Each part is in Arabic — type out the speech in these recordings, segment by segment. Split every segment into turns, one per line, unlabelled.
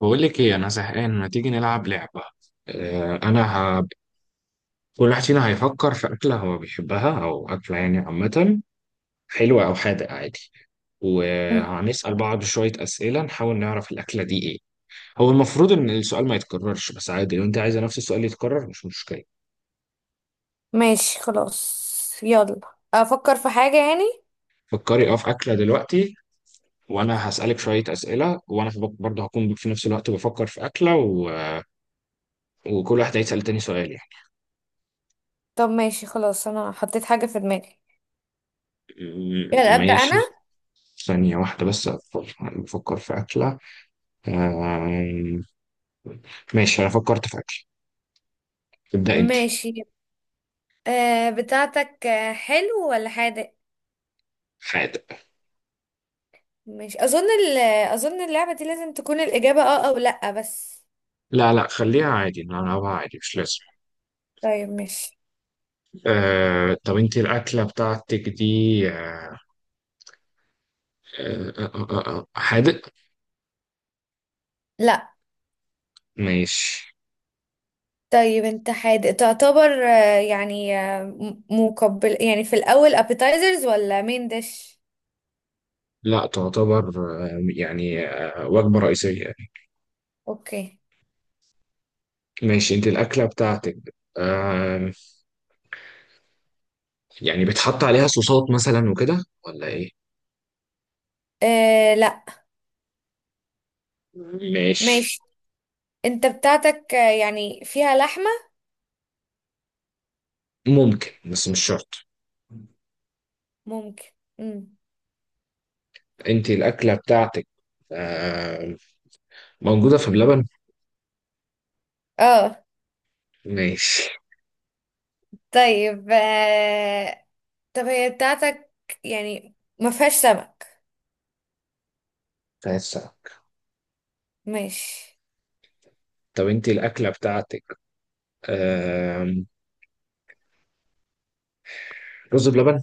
بقول لك ايه، انا زهقان، ما تيجي نلعب لعبه. آه، انا ه... كل واحد فينا هيفكر في اكله هو بيحبها او اكله يعني عامه، حلوه او حادق عادي،
مم.
وهنسال بعض شويه اسئله نحاول نعرف الاكله دي ايه. هو المفروض ان السؤال ما يتكررش، بس عادي لو انت عايزه نفس السؤال يتكرر مش مشكله.
ماشي خلاص. يلا، افكر في حاجة يعني.
فكري اه في اكله دلوقتي، وانا هسالك شويه اسئله وانا برضه هكون في نفس الوقت بفكر في اكله وكل واحد هيسال تاني سؤال يعني.
طب ماشي خلاص، انا حطيت حاجة في دماغي. يلا ابدأ
ماشي.
انا.
ثانية واحدة بس أفكر، أنا بفكر في أكلة. آه... ماشي، أنا فكرت في أكل. ابدأ أنت.
ماشي. بتاعتك حلو ولا حادق؟
حاجة.
ماشي، اظن اظن اللعبة دي لازم تكون الإجابة اه او لا بس.
لا لا، خليها عادي نلعبها عادي، مش لازم.
طيب ماشي.
طب أنت الأكلة بتاعتك دي آه... حادق؟
لا.
ماشي.
طيب انت حادق، تعتبر يعني مقبل يعني في الاول appetizers ولا مين ديش؟
لا، تعتبر وجبة رئيسية.
اوكي.
ماشي، أنت الأكلة بتاعتك آه... يعني بتحط عليها صوصات مثلا وكده ولا إيه؟
لا.
ماشي.
ماشي. انت بتاعتك يعني فيها لحمة؟
ممكن بس مش شرط.
ممكن. مم.
انت الاكله بتاعتك، آه، موجوده في بلبن.
اه.
ماشي.
طيب طب هي بتاعتك يعني ما فيهاش سمك؟
فاسك.
ماشي.
طب انت الاكله بتاعتك، آه، رز بلبن.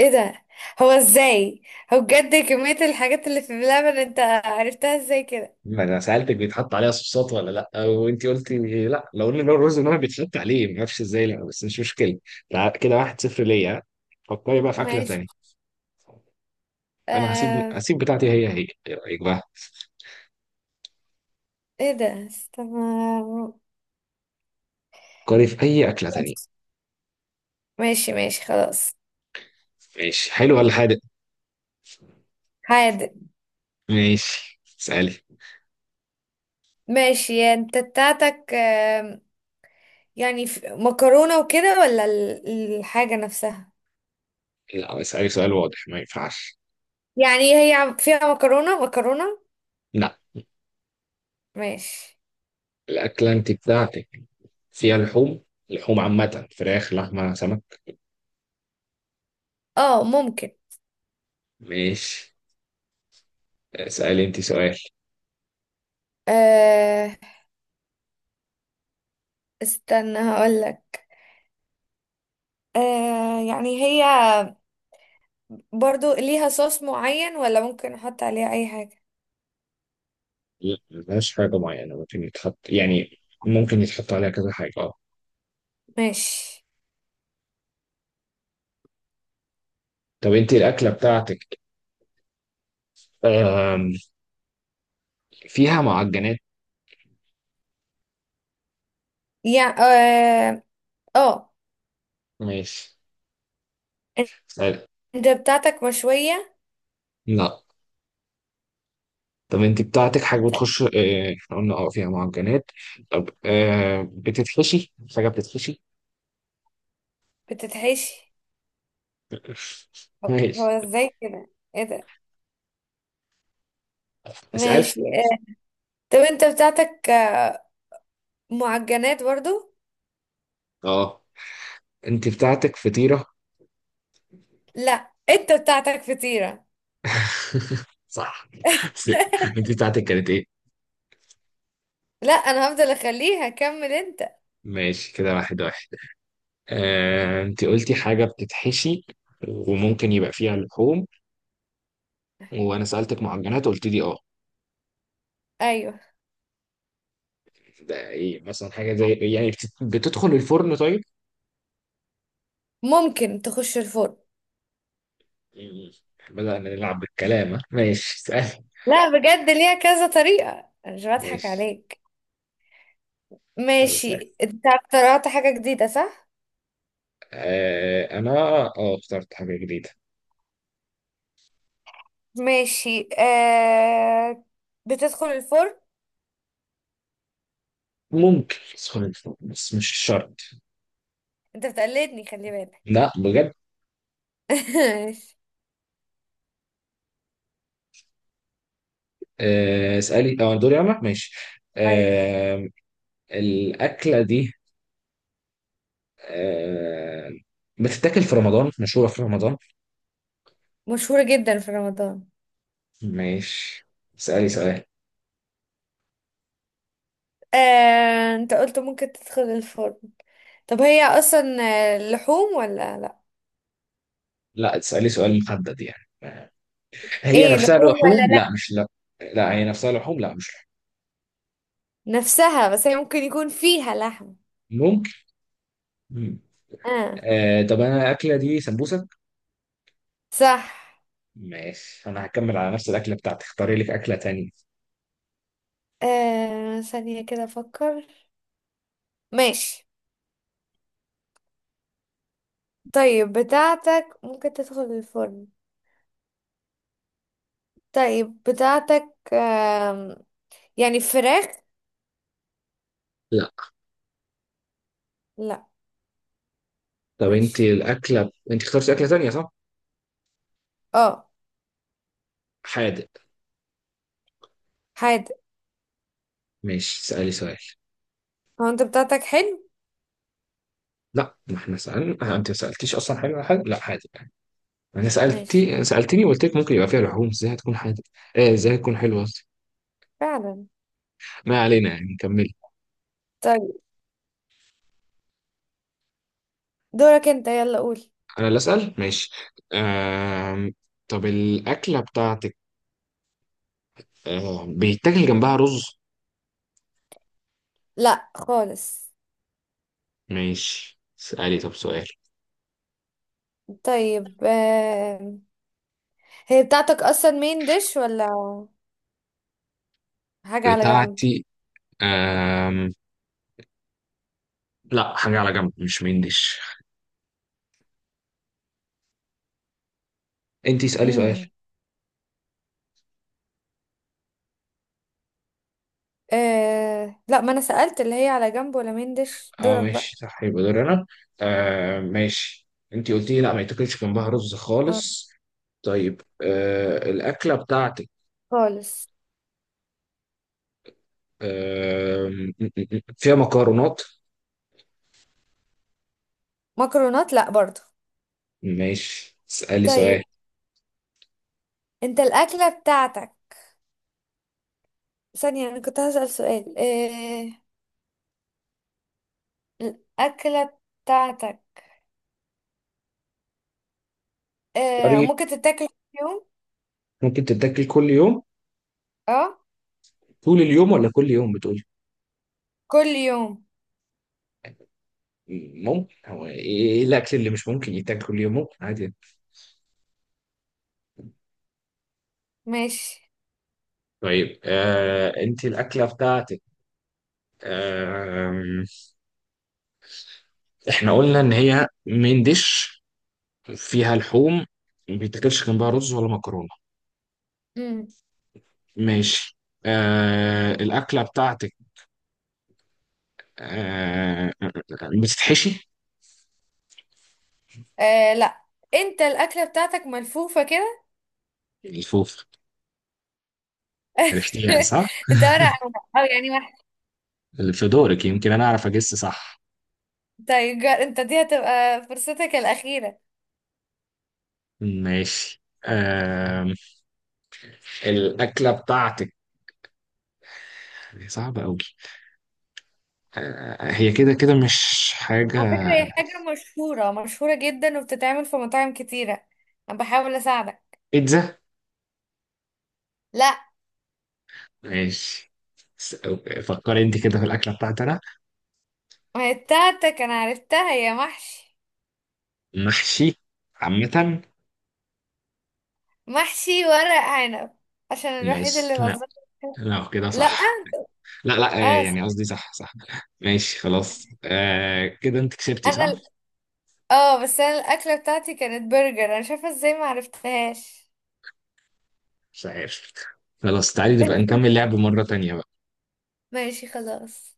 ايه ده، هو ازاي؟ هو بجد كمية الحاجات اللي في اللبن انت عرفتها ازاي كده؟
ما انا سالتك بيتحط عليها صوصات ولا لا وانت قلتي لا، لو قلنا لو الرز بلبن بيتحط عليه ما اعرفش ازاي، لا بس مش مشكله. كده واحد صفر ليا. فكري بقى في اكله
ماشي.
تانية. انا هسيب
آه...
بتاعتي هي هي، ايه رايك بقى؟
ايه ده استنى.
فكري في اي اكله تانية.
ماشي ماشي خلاص.
ماشي، حلو ولا حادق؟
حادق.
ماشي، اسالي.
ماشي، انت بتاعتك يعني مكرونة وكده ولا الحاجة نفسها؟
لا اسالي سؤال واضح، ما ينفعش.
يعني هي فيها مكرونة مكرونة؟
لا.
ماشي.
الأكلة أنت بتاعتك فيها لحوم، لحوم عامة، فراخ، لحمة، سمك؟
اه ممكن.
ماشي، اسألي أنت سؤال.
آه استنى هقولك. يعني هي برضو ليها صوص معين ولا ممكن احط عليها اي حاجة؟
لا ملهاش حاجة معينة، ممكن يتحط، يعني ممكن يتحط عليها كذا حاجة، اه.
ماشي.
طب أنت الأكلة بتاعتك، آم، فيها معجنات؟
يعني اه. آه.
ماشي، اسألي.
انت بتاعتك مشوية؟
لا. طب أنت بتاعتك حاجة
طيب.
بتخش، آه، إحنا قلنا اه فيها معجنات، طب آه، بتتحشي حاجة؟ بتتحشي.
بتتحشي؟ هو
ماشي،
ازاي كده؟ ايه ده؟
اسألي.
ماشي. آه. طب انت بتاعتك معجنات برضو؟
اه، أنت بتاعتك فطيرة؟
لا، انت بتاعتك فطيرة.
صح، بس انت بتاعتك كانت ايه؟
لا، انا هفضل اخليها، كمل انت.
ماشي، كده واحد واحد. آه، انت قلتي حاجة بتتحشي وممكن يبقى فيها لحوم، وانا سألتك معجنات قلت لي اه.
ايوه.
ده ايه مثلا، حاجة زي إيه؟ يعني بتدخل الفرن طيب؟
ممكن تخش الفرن؟
يعني بدأنا نلعب بالكلام، ها؟ ماشي سهل.
لا بجد، ليها كذا طريقة، أنا مش بضحك
ماشي،
عليك.
طب اسأل.
ماشي، انت اخترعت حاجة جديدة صح؟
آه انا، اه اخترت حاجة جديدة.
ماشي. بتدخل الفرن؟
ممكن تدخل الفرن بس مش شرط.
انت بتقلدني، خلي بالك.
لا بجد.
ماشي.
آه اسألي، اه دوري انا، ماشي.
ايوه،
آه الأكلة دي، آه، بتتاكل في رمضان، مشهورة في رمضان.
مشهورة جدا في رمضان.
ماشي، اسألي سؤال.
انت قلت ممكن تدخل الفرن، طب هي اصلا لحوم ولا لا؟
لا، تسألي سؤال محدد يعني، هي
ايه
نفسها
لحوم ولا
لحوم لا
لا؟
مش لا. لا، هي نفسها لحوم لا، مش
نفسها، بس هي ممكن يكون فيها لحم.
لحوم. ممكن. مم.
اه.
آه، طب انا الأكلة دي سمبوسك.
صح.
ماشي، انا هكمل على نفس الأكلة بتاعتي، اختاري لك أكلة تانية.
ثانية كده افكر. ماشي. طيب بتاعتك ممكن تدخل الفرن؟ طيب بتاعتك يعني فراخ؟
لا.
لا.
طب انت
ماشي.
الأكلة، انت اخترتي أكلة تانية صح؟
اه.
حادق.
حادق.
ماشي، اسألي سؤال.
هو انت بتاعتك حلو؟
لا، ما احنا سألنا، آه، انت ما سألتيش اصلا حاجة، حاجة، لا حادق. انا
ماشي.
سالتني وقلت لك ممكن يبقى فيها لحوم، ازاي هتكون حادق؟ ايه، ازاي هتكون حلوه قصدي.
فعلا.
ما علينا، يعني كملي.
طيب دورك انت، يلا قول.
انا اللي اسال، ماشي. آم... طب الاكله بتاعتك، بيتاكل جنبها رز؟
لا خالص.
ماشي، اسالي طب سؤال.
طيب هي بتاعتك اصلا مين ديش ولا حاجة على جنب؟
بتاعتي، آم... لا، حاجه على جنب مش مين ديش. انت اسالي سؤال.
امم آه، لا، ما انا سألت اللي هي على جنب ولا مين ديش،
اه
دورك بقى.
ماشي صح، يبقى دور انا. ماشي، انت قلتي لي لا ما يتاكلش جنبها رز
آه.
خالص. طيب الاكله بتاعتك،
خالص.
آم، فيها مكرونات؟
مكرونات لا برضو.
ماشي، اسألي
طيب
سؤال.
انت الأكلة بتاعتك، ثانية، أنا كنت هسأل سؤال إيه، الأكلة بتاعتك إيه،
طريق.
ممكن تتاكل كل يوم؟
ممكن تتاكل كل يوم؟
اه
طول اليوم ولا كل يوم بتقول؟
كل يوم.
ممكن، هو ايه إيه الاكل اللي مش ممكن يتاكل كل يوم، ممكن عادي.
ماشي.
طيب آه انت الاكله بتاعتك، آه احنا قلنا ان هي من ديش، فيها لحوم، ما بيتاكلش جنبها رز ولا مكرونه.
امم
ماشي. آه الاكله بتاعتك، بتتحشي.
إيه لا، انت الأكلة بتاعتك ملفوفة كده.
الفوف. عرفتيها صح؟
انت ورق، أو يعني واحد.
اللي في دورك يمكن انا اعرف اجس صح.
طيب انت دي هتبقى فرصتك الأخيرة.
ماشي، آم، الاكله بتاعتك هي صعبه قوي، هي كده كده مش حاجه.
على فكرة هي حاجة مشهورة مشهورة جدا، وبتتعمل في مطاعم كتيرة. أنا بحاول أساعدك.
بيتزا؟
لا،
ماشي. س- فكري انت كده في الاكله بتاعتي انا.
ما هي بتاعتك أنا عرفتها يا محشي.
محشي عامه.
محشي ورق عنب، عشان الوحيد اللي
ماشي.
بقى.
لا لا كده
لا،
صح. لا لا، آه،
اه س-
يعني قصدي صح صح. ماشي خلاص، آه كده انت كسبتي
انا
صح.
ال- اه بس انا الاكله بتاعتي كانت برجر، انا مش عارفه ازاي ما عرفتهاش.
مش عارف. خلاص، تعالي نبقى نكمل لعب مره تانية بقى.
ماشي خلاص.